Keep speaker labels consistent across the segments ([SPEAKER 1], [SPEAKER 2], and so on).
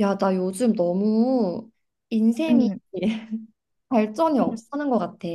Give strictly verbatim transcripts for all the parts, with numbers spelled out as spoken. [SPEAKER 1] 야, 나 요즘 너무 인생이
[SPEAKER 2] 음,
[SPEAKER 1] 발전이
[SPEAKER 2] 음.
[SPEAKER 1] 없어하는 것 같아.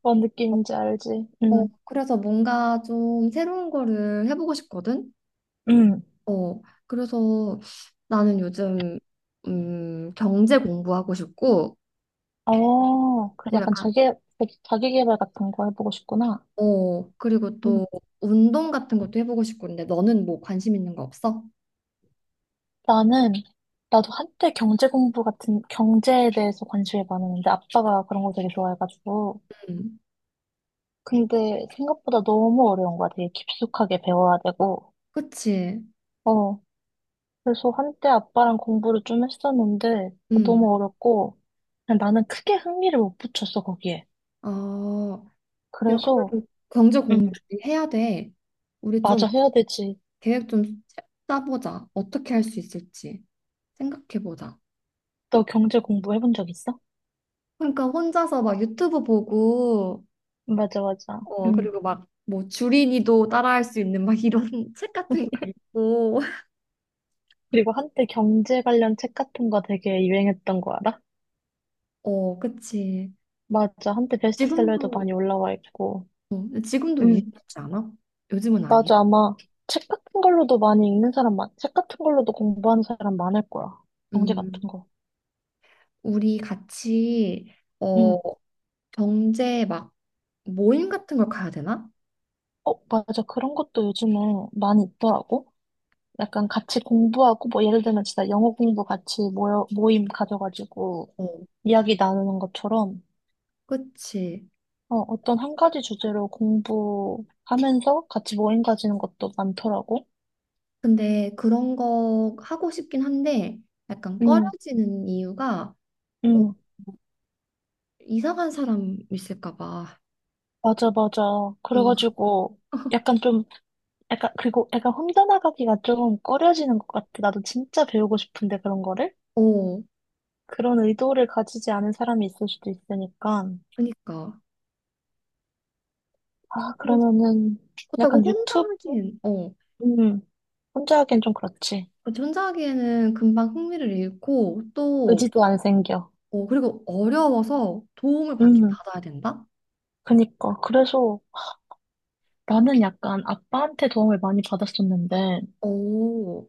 [SPEAKER 2] 뭔 느낌인지 알지? 음,
[SPEAKER 1] 그래서 뭔가 좀 새로운 거를 해보고 싶거든?
[SPEAKER 2] 음.
[SPEAKER 1] 어, 그래서 나는 요즘, 음, 경제 공부하고 싶고,
[SPEAKER 2] 어, 그
[SPEAKER 1] 뭐
[SPEAKER 2] 약간
[SPEAKER 1] 약간,
[SPEAKER 2] 자기, 자기 개발 같은 거 해보고 싶구나.
[SPEAKER 1] 어, 그리고 또
[SPEAKER 2] 음.
[SPEAKER 1] 운동 같은 것도 해보고 싶고, 근데 너는 뭐 관심 있는 거 없어?
[SPEAKER 2] 나는, 나도 한때 경제 공부 같은, 경제에 대해서 관심이 많았는데, 아빠가 그런 거 되게 좋아해가지고.
[SPEAKER 1] 음,
[SPEAKER 2] 근데 생각보다 너무 어려운 거야. 되게 깊숙하게 배워야 되고.
[SPEAKER 1] 그치?
[SPEAKER 2] 어, 그래서 한때 아빠랑 공부를 좀 했었는데,
[SPEAKER 1] 음,
[SPEAKER 2] 너무 어렵고, 그냥 나는 크게 흥미를 못 붙였어, 거기에.
[SPEAKER 1] 어, 야,
[SPEAKER 2] 그래서,
[SPEAKER 1] 그래도 경제 공부
[SPEAKER 2] 음,
[SPEAKER 1] 해야 돼. 우리 좀
[SPEAKER 2] 맞아, 해야 되지.
[SPEAKER 1] 계획 좀 짜보자. 어떻게 할 수 있을지 생각해보자.
[SPEAKER 2] 너 경제 공부해 본 적 있어?
[SPEAKER 1] 그러니까 혼자서 막 유튜브 보고,
[SPEAKER 2] 맞아, 맞아.
[SPEAKER 1] 어,
[SPEAKER 2] 음.
[SPEAKER 1] 그리고 막 뭐 주린이도 따라할 수 있는 막 이런 책 같은 거 읽고,
[SPEAKER 2] 그리고 한때 경제 관련 책 같은 거 되게 유행했던 거 알아?
[SPEAKER 1] 어, 그치.
[SPEAKER 2] 맞아. 한때 베스트셀러에도
[SPEAKER 1] 지금도,
[SPEAKER 2] 많이 올라와 있고.
[SPEAKER 1] 어, 지금도
[SPEAKER 2] 음.
[SPEAKER 1] 유행하지 않아? 요즘은 아니야?
[SPEAKER 2] 맞아. 아마 책 같은 걸로도 많이 읽는 사람 많, 책 같은 걸로도 공부하는 사람 많을 거야. 경제 같은
[SPEAKER 1] 음,
[SPEAKER 2] 거.
[SPEAKER 1] 우리 같이, 어,
[SPEAKER 2] 음.
[SPEAKER 1] 경제 막 모임 같은 걸 가야 되나?
[SPEAKER 2] 어, 맞아. 그런 것도 요즘에 많이 있더라고. 약간 같이 공부하고, 뭐, 예를 들면 진짜 영어 공부 같이 모여, 모임 가져가지고
[SPEAKER 1] 어,
[SPEAKER 2] 이야기 나누는 것처럼
[SPEAKER 1] 그치.
[SPEAKER 2] 어, 어떤 한 가지 주제로 공부하면서 같이 모임 가지는 것도 많더라고.
[SPEAKER 1] 근데 그런 거 하고 싶긴 한데 약간
[SPEAKER 2] 응,
[SPEAKER 1] 꺼려지는 이유가 어,
[SPEAKER 2] 응,
[SPEAKER 1] 이상한 사람 있을까 봐.
[SPEAKER 2] 맞아, 맞아. 그래가지고 약간 좀, 약간, 그리고 약간 혼자 나가기가 좀 꺼려지는 것 같아. 나도 진짜 배우고 싶은데 그런 거를?
[SPEAKER 1] 어, 어,
[SPEAKER 2] 그런 의도를 가지지 않은 사람이 있을 수도 있으니까.
[SPEAKER 1] 그니까.
[SPEAKER 2] 아,
[SPEAKER 1] 그래서
[SPEAKER 2] 그러면은
[SPEAKER 1] 그렇다고
[SPEAKER 2] 약간
[SPEAKER 1] 혼자
[SPEAKER 2] 유튜브?
[SPEAKER 1] 하기엔, 어,
[SPEAKER 2] 음, 혼자 하기엔 좀 그렇지.
[SPEAKER 1] 그렇지, 혼자 하기에는 금방 흥미를 잃고 또,
[SPEAKER 2] 의지도 안 생겨.
[SPEAKER 1] 어, 그리고 어려워서 도움을 받긴
[SPEAKER 2] 음,
[SPEAKER 1] 받아야 된다?
[SPEAKER 2] 그니까. 그래서 나는 약간 아빠한테 도움을 많이 받았었는데,
[SPEAKER 1] 오,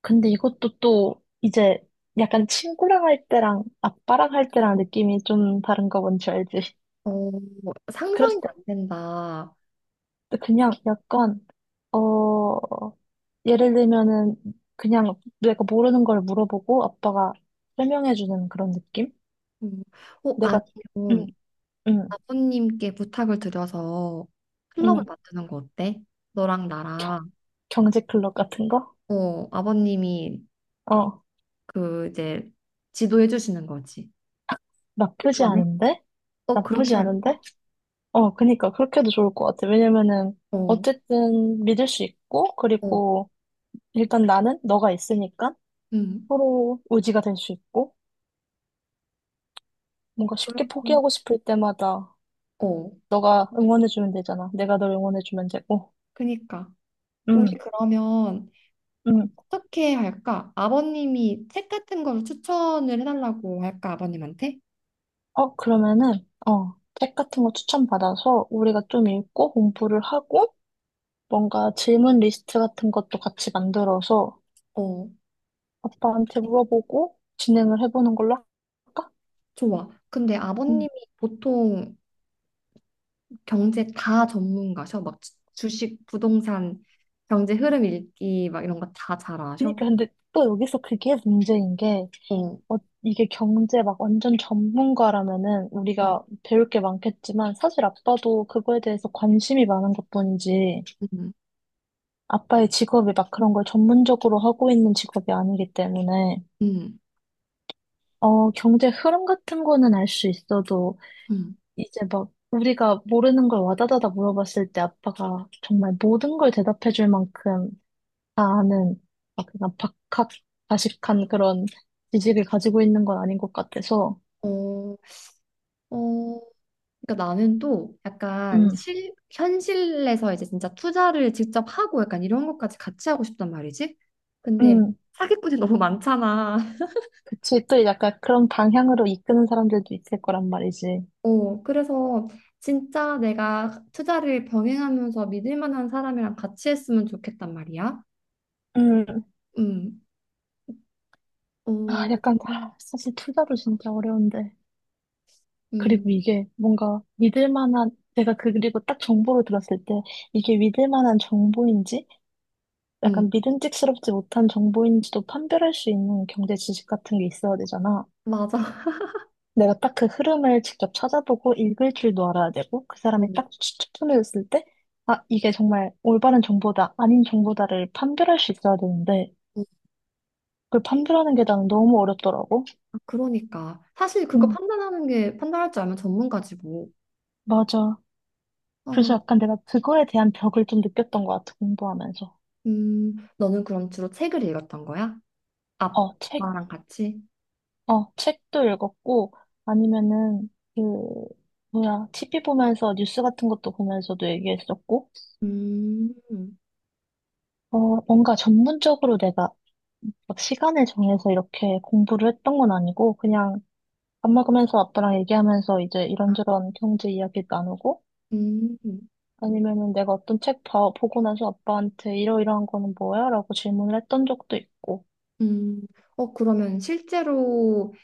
[SPEAKER 2] 근데 이것도 또 이제 약간 친구랑 할 때랑 아빠랑 할 때랑 느낌이 좀 다른 거 뭔지 알지?
[SPEAKER 1] 어, 상상이
[SPEAKER 2] 그래서
[SPEAKER 1] 안 된다.
[SPEAKER 2] 그냥 약간 어 예를 들면은 그냥 내가 모르는 걸 물어보고 아빠가 설명해 주는 그런 느낌?
[SPEAKER 1] 음, 어,
[SPEAKER 2] 내가
[SPEAKER 1] 아니면
[SPEAKER 2] 응, 응,
[SPEAKER 1] 아버님께 부탁을 드려서 클럽을
[SPEAKER 2] 응.
[SPEAKER 1] 만드는 거 어때? 너랑
[SPEAKER 2] 경-
[SPEAKER 1] 나랑
[SPEAKER 2] 경제 클럽 같은 거?
[SPEAKER 1] 어 아버님이
[SPEAKER 2] 어,
[SPEAKER 1] 그 이제 지도해 주시는 거지.
[SPEAKER 2] 나쁘지
[SPEAKER 1] 불편해?
[SPEAKER 2] 않은데?
[SPEAKER 1] 어
[SPEAKER 2] 나쁘지
[SPEAKER 1] 그렇게 할까?
[SPEAKER 2] 않은데? 어, 그니까 그렇게도 좋을 것 같아. 왜냐면은
[SPEAKER 1] 어,
[SPEAKER 2] 어쨌든 믿을 수 있고
[SPEAKER 1] 어,
[SPEAKER 2] 그리고 일단 나는 너가 있으니까
[SPEAKER 1] 음,
[SPEAKER 2] 서로 의지가 될 수 있고, 뭔가 쉽게
[SPEAKER 1] 그럼
[SPEAKER 2] 포기하고 싶을 때마다
[SPEAKER 1] 어,
[SPEAKER 2] 너가 응원해주면 되잖아. 내가 널 응원해주면 되고.
[SPEAKER 1] 그니까
[SPEAKER 2] 응,
[SPEAKER 1] 우리 그러면
[SPEAKER 2] 응.
[SPEAKER 1] 어떻게 할까? 아버님이 책 같은 걸 추천을 해달라고 할까? 아버님한테?
[SPEAKER 2] 어, 그러면은, 어, 책 같은 거 추천받아서 우리가 좀 읽고 공부를 하고, 뭔가 질문 리스트 같은 것도 같이 만들어서
[SPEAKER 1] 어,
[SPEAKER 2] 아빠한테 물어보고 진행을 해보는 걸로 할까?
[SPEAKER 1] 좋아. 근데
[SPEAKER 2] 응.
[SPEAKER 1] 아버님이 보통 경제 다 전문가셔? 막 주- 주식, 부동산, 경제 흐름 읽기 막 이런 거 다 잘 아셔?
[SPEAKER 2] 그니까 근데 또 여기서 그게 문제인 게,
[SPEAKER 1] 어,
[SPEAKER 2] 어, 이게 경제 막 완전 전문가라면은
[SPEAKER 1] 음,
[SPEAKER 2] 우리가 배울 게 많겠지만 사실 아빠도 그거에 대해서 관심이 많은 것뿐이지
[SPEAKER 1] 음,
[SPEAKER 2] 아빠의 직업이 막 그런 걸 전문적으로 하고 있는 직업이 아니기 때문에
[SPEAKER 1] 음,
[SPEAKER 2] 어, 경제 흐름 같은 거는 알 수 있어도
[SPEAKER 1] 음.
[SPEAKER 2] 이제 막 우리가 모르는 걸 와다다다 물어봤을 때 아빠가 정말 모든 걸 대답해 줄 만큼 다 아는 막 그냥 박학다식한 그런 지식을 가지고 있는 건 아닌 것 같아서
[SPEAKER 1] 어, 어, 그러니까 나는 또 약간
[SPEAKER 2] 음.
[SPEAKER 1] 실, 현실에서 이제 진짜 투자를 직접 하고 약간 이런 것까지 같이 하고 싶단 말이지? 근데
[SPEAKER 2] 음,
[SPEAKER 1] 사기꾼이 너무 많잖아.
[SPEAKER 2] 그치, 또 약간 그런 방향으로 이끄는 사람들도 있을 거란 말이지.
[SPEAKER 1] 어, 그래서 진짜 내가 투자를 병행하면서 믿을 만한 사람이랑 같이 했으면 좋겠단 말이야.
[SPEAKER 2] 음,
[SPEAKER 1] 음, 어,
[SPEAKER 2] 아, 약간, 아, 사실 투자도 진짜 어려운데.
[SPEAKER 1] 음,
[SPEAKER 2] 그리고 이게 뭔가 믿을 만한, 내가 그- 그리고 딱 정보를 들었을 때 이게 믿을 만한 정보인지
[SPEAKER 1] 음.
[SPEAKER 2] 약간 믿음직스럽지 못한 정보인지도 판별할 수 있는 경제 지식 같은 게 있어야 되잖아.
[SPEAKER 1] 맞아.
[SPEAKER 2] 내가 딱 그 흐름을 직접 찾아보고 읽을 줄도 알아야 되고 그 사람이
[SPEAKER 1] 음,
[SPEAKER 2] 딱 추천해줬을 때 아, 이게 정말 올바른 정보다 아닌 정보다를 판별할 수 있어야 되는데
[SPEAKER 1] 음.
[SPEAKER 2] 그 판별하는 게 나는 너무 어렵더라고.
[SPEAKER 1] 아, 그러니까. 사실 그거
[SPEAKER 2] 응,
[SPEAKER 1] 판단하는 게, 판단할 줄 알면 전문가지 뭐.
[SPEAKER 2] 맞아.
[SPEAKER 1] 어,
[SPEAKER 2] 그래서 약간 내가 그거에 대한 벽을 좀 느꼈던 것 같아, 공부하면서.
[SPEAKER 1] 음, 너는 그럼 주로 책을 읽었던 거야?
[SPEAKER 2] 어, 책,
[SPEAKER 1] 아빠랑 같이?
[SPEAKER 2] 어, 책도 읽었고, 아니면은, 그, 뭐야, 티비 보면서 뉴스 같은 것도 보면서도 얘기했었고,
[SPEAKER 1] 음,
[SPEAKER 2] 어, 뭔가 전문적으로 내가 막 시간을 정해서 이렇게 공부를 했던 건 아니고, 그냥 밥 먹으면서 아빠랑 얘기하면서 이제 이런저런 경제 이야기 나누고,
[SPEAKER 1] 음,
[SPEAKER 2] 아니면은 내가 어떤 책 봐, 보고 나서 아빠한테 이러이러한 거는 뭐야? 라고 질문을 했던 적도 있고.
[SPEAKER 1] 음. 어, 그러면 실제로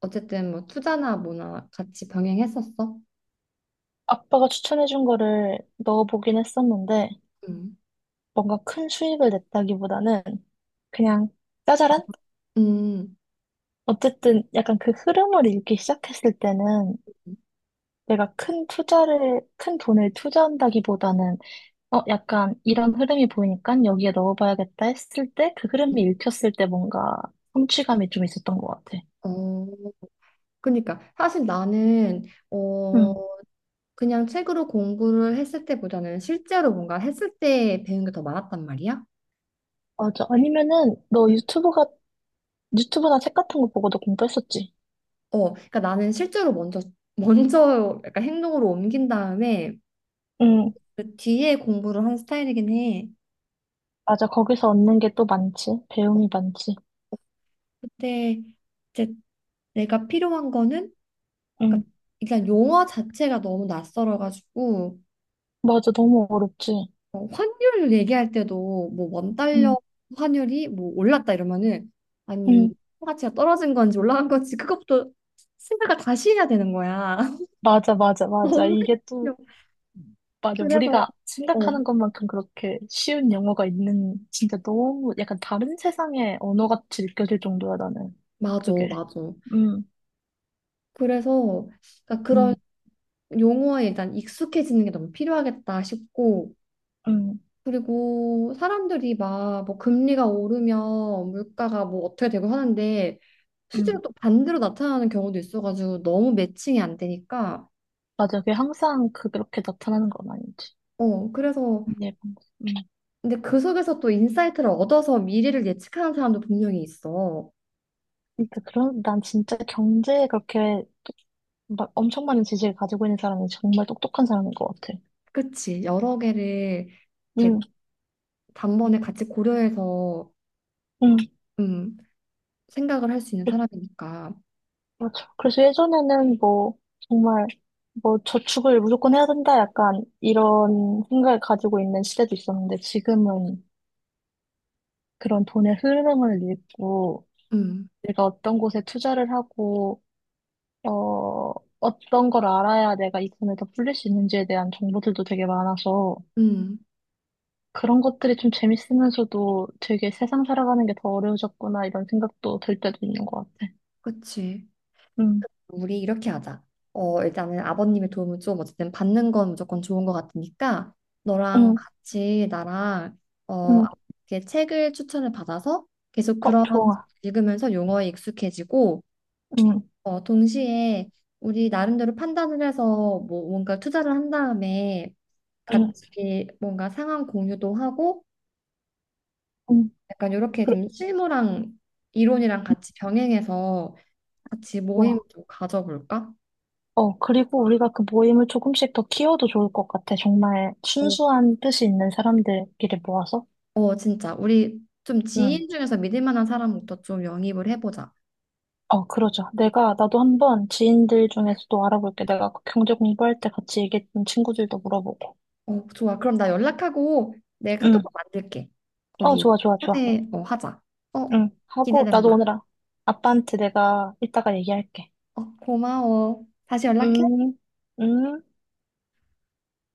[SPEAKER 1] 어쨌든 뭐 투자나 뭐나 같이 병행했었어?
[SPEAKER 2] 아빠가 추천해준 거를 넣어보긴 했었는데,
[SPEAKER 1] 음,
[SPEAKER 2] 뭔가 큰 수익을 냈다기보다는 그냥 짜잘한?
[SPEAKER 1] 음.
[SPEAKER 2] 어쨌든 약간 그 흐름을 읽기 시작했을 때는
[SPEAKER 1] 음.
[SPEAKER 2] 내가 큰 투자를, 큰 돈을 투자한다기보다는, 어, 약간 이런 흐름이 보이니까 여기에 넣어봐야겠다 했을 때, 그 흐름이 읽혔을 때 뭔가 성취감이 좀 있었던 것 같아.
[SPEAKER 1] 어, 그러니까 사실 나는 어
[SPEAKER 2] 음.
[SPEAKER 1] 그냥 책으로 공부를 했을 때보다는 실제로 뭔가 했을 때 배운 게 더 많았단 말이야.
[SPEAKER 2] 맞아. 아니면은 너 유튜브 같은 유튜브나 책 같은 거 보고도 공부했었지.
[SPEAKER 1] 어, 그러니까 나는 실제로 먼저 먼저 약간 행동으로 옮긴 다음에
[SPEAKER 2] 응,
[SPEAKER 1] 그 뒤에 공부를 한 스타일이긴 해.
[SPEAKER 2] 맞아. 거기서 얻는 게 또 많지. 배움이 많지.
[SPEAKER 1] 그때 이제 내가 필요한 거는
[SPEAKER 2] 응,
[SPEAKER 1] 그러니까 일단 용어 자체가 너무 낯설어가지고
[SPEAKER 2] 맞아. 너무 어렵지.
[SPEAKER 1] 어, 환율 얘기할 때도 뭐 원 달러
[SPEAKER 2] 응,
[SPEAKER 1] 환율이 뭐 올랐다 이러면은 아니
[SPEAKER 2] 응,
[SPEAKER 1] 가치가 떨어진 건지 올라간 건지 그것부터 생각을 다시 해야 되는 거야.
[SPEAKER 2] 맞아, 맞아, 맞아.
[SPEAKER 1] 너무
[SPEAKER 2] 이게 또,
[SPEAKER 1] 귀여워.
[SPEAKER 2] 맞아.
[SPEAKER 1] 그래서
[SPEAKER 2] 우리가
[SPEAKER 1] 어
[SPEAKER 2] 생각하는 것만큼 그렇게 쉬운 영어가 있는, 진짜 너무 약간 다른 세상의 언어 같이 느껴질 정도야, 나는.
[SPEAKER 1] 맞아
[SPEAKER 2] 그게.
[SPEAKER 1] 맞아.
[SPEAKER 2] 응,
[SPEAKER 1] 그래서 그러니까 그런
[SPEAKER 2] 응,
[SPEAKER 1] 용어에 일단 익숙해지는 게 너무 필요하겠다 싶고
[SPEAKER 2] 응,
[SPEAKER 1] 그리고 사람들이 막 뭐 금리가 오르면 물가가 뭐 어떻게 되고 하는데
[SPEAKER 2] 응.
[SPEAKER 1] 실제로 또 반대로 나타나는 경우도 있어가지고 너무 매칭이 안 되니까
[SPEAKER 2] 맞아. 그게 항상 그- 그렇게 나타나는 건 아니지.
[SPEAKER 1] 어 그래서
[SPEAKER 2] 예, 응.
[SPEAKER 1] 근데 그 속에서 또 인사이트를 얻어서 미래를 예측하는 사람도 분명히 있어.
[SPEAKER 2] 그러니까 그런, 난 진짜 경제에 그렇게 막 엄청 많은 지식을 가지고 있는 사람이 정말 똑똑한 사람인 것 같아.
[SPEAKER 1] 그치 여러 개를 이렇게
[SPEAKER 2] 응,
[SPEAKER 1] 단번에 같이 고려해서
[SPEAKER 2] 응,
[SPEAKER 1] 음, 생각을 할 수 있는
[SPEAKER 2] 그-
[SPEAKER 1] 사람이니까.
[SPEAKER 2] 맞아. 그래서 예전에는 뭐, 정말, 뭐, 저축을 무조건 해야 된다, 약간, 이런 생각을 가지고 있는 시대도 있었는데, 지금은 그런 돈의 흐름을 읽고,
[SPEAKER 1] 음,
[SPEAKER 2] 내가 어떤 곳에 투자를 하고, 어, 어떤 걸 알아야 내가 이 돈을 더 불릴 수 있는지에 대한 정보들도 되게 많아서,
[SPEAKER 1] 음,
[SPEAKER 2] 그런 것들이 좀 재밌으면서도 되게 세상 살아가는 게 더 어려워졌구나, 이런 생각도 들 때도 있는 것 같아.
[SPEAKER 1] 그치.
[SPEAKER 2] 응,
[SPEAKER 1] 우리 이렇게 하자. 어, 일단은 아버님의 도움을 좀 어쨌든 받는 건 무조건 좋은 것 같으니까 너랑
[SPEAKER 2] 응,
[SPEAKER 1] 같이 나랑 어,
[SPEAKER 2] 응.
[SPEAKER 1] 이렇게 책을 추천을 받아서 계속
[SPEAKER 2] 어,
[SPEAKER 1] 그런
[SPEAKER 2] 좋아.
[SPEAKER 1] 읽으면서 용어에 익숙해지고
[SPEAKER 2] 응,
[SPEAKER 1] 어, 동시에 우리 나름대로 판단을 해서 뭐 뭔가 투자를 한 다음에
[SPEAKER 2] 응,
[SPEAKER 1] 같이 뭔가 상황 공유도 하고
[SPEAKER 2] 응.
[SPEAKER 1] 약간 이렇게
[SPEAKER 2] 그래,
[SPEAKER 1] 좀 실무랑 이론이랑 같이 병행해서 같이 모임
[SPEAKER 2] 좋아.
[SPEAKER 1] 좀 가져볼까?
[SPEAKER 2] 어, 그리고 우리가 그 모임을 조금씩 더 키워도 좋을 것 같아. 정말
[SPEAKER 1] 어,
[SPEAKER 2] 순수한 뜻이 있는 사람들끼리 모아서.
[SPEAKER 1] 어, 진짜. 우리 좀
[SPEAKER 2] 응.
[SPEAKER 1] 지인 중에서 믿을 만한 사람부터 좀 영입을 해보자.
[SPEAKER 2] 어, 그러자. 내가, 나도 한번 지인들 중에서도 알아볼게. 내가 그 경제 공부할 때 같이 얘기했던 친구들도 물어보고.
[SPEAKER 1] 어, 좋아. 그럼 나 연락하고 내
[SPEAKER 2] 응.
[SPEAKER 1] 카톡방 만들게.
[SPEAKER 2] 어,
[SPEAKER 1] 거기
[SPEAKER 2] 좋아, 좋아, 좋아.
[SPEAKER 1] 초대, 어, 하자. 어,
[SPEAKER 2] 응. 하고, 나도
[SPEAKER 1] 기대된다.
[SPEAKER 2] 오늘 아- 아빠한테 내가 이따가 얘기할게.
[SPEAKER 1] 어, 고마워. 다시 연락해.
[SPEAKER 2] 음, 음.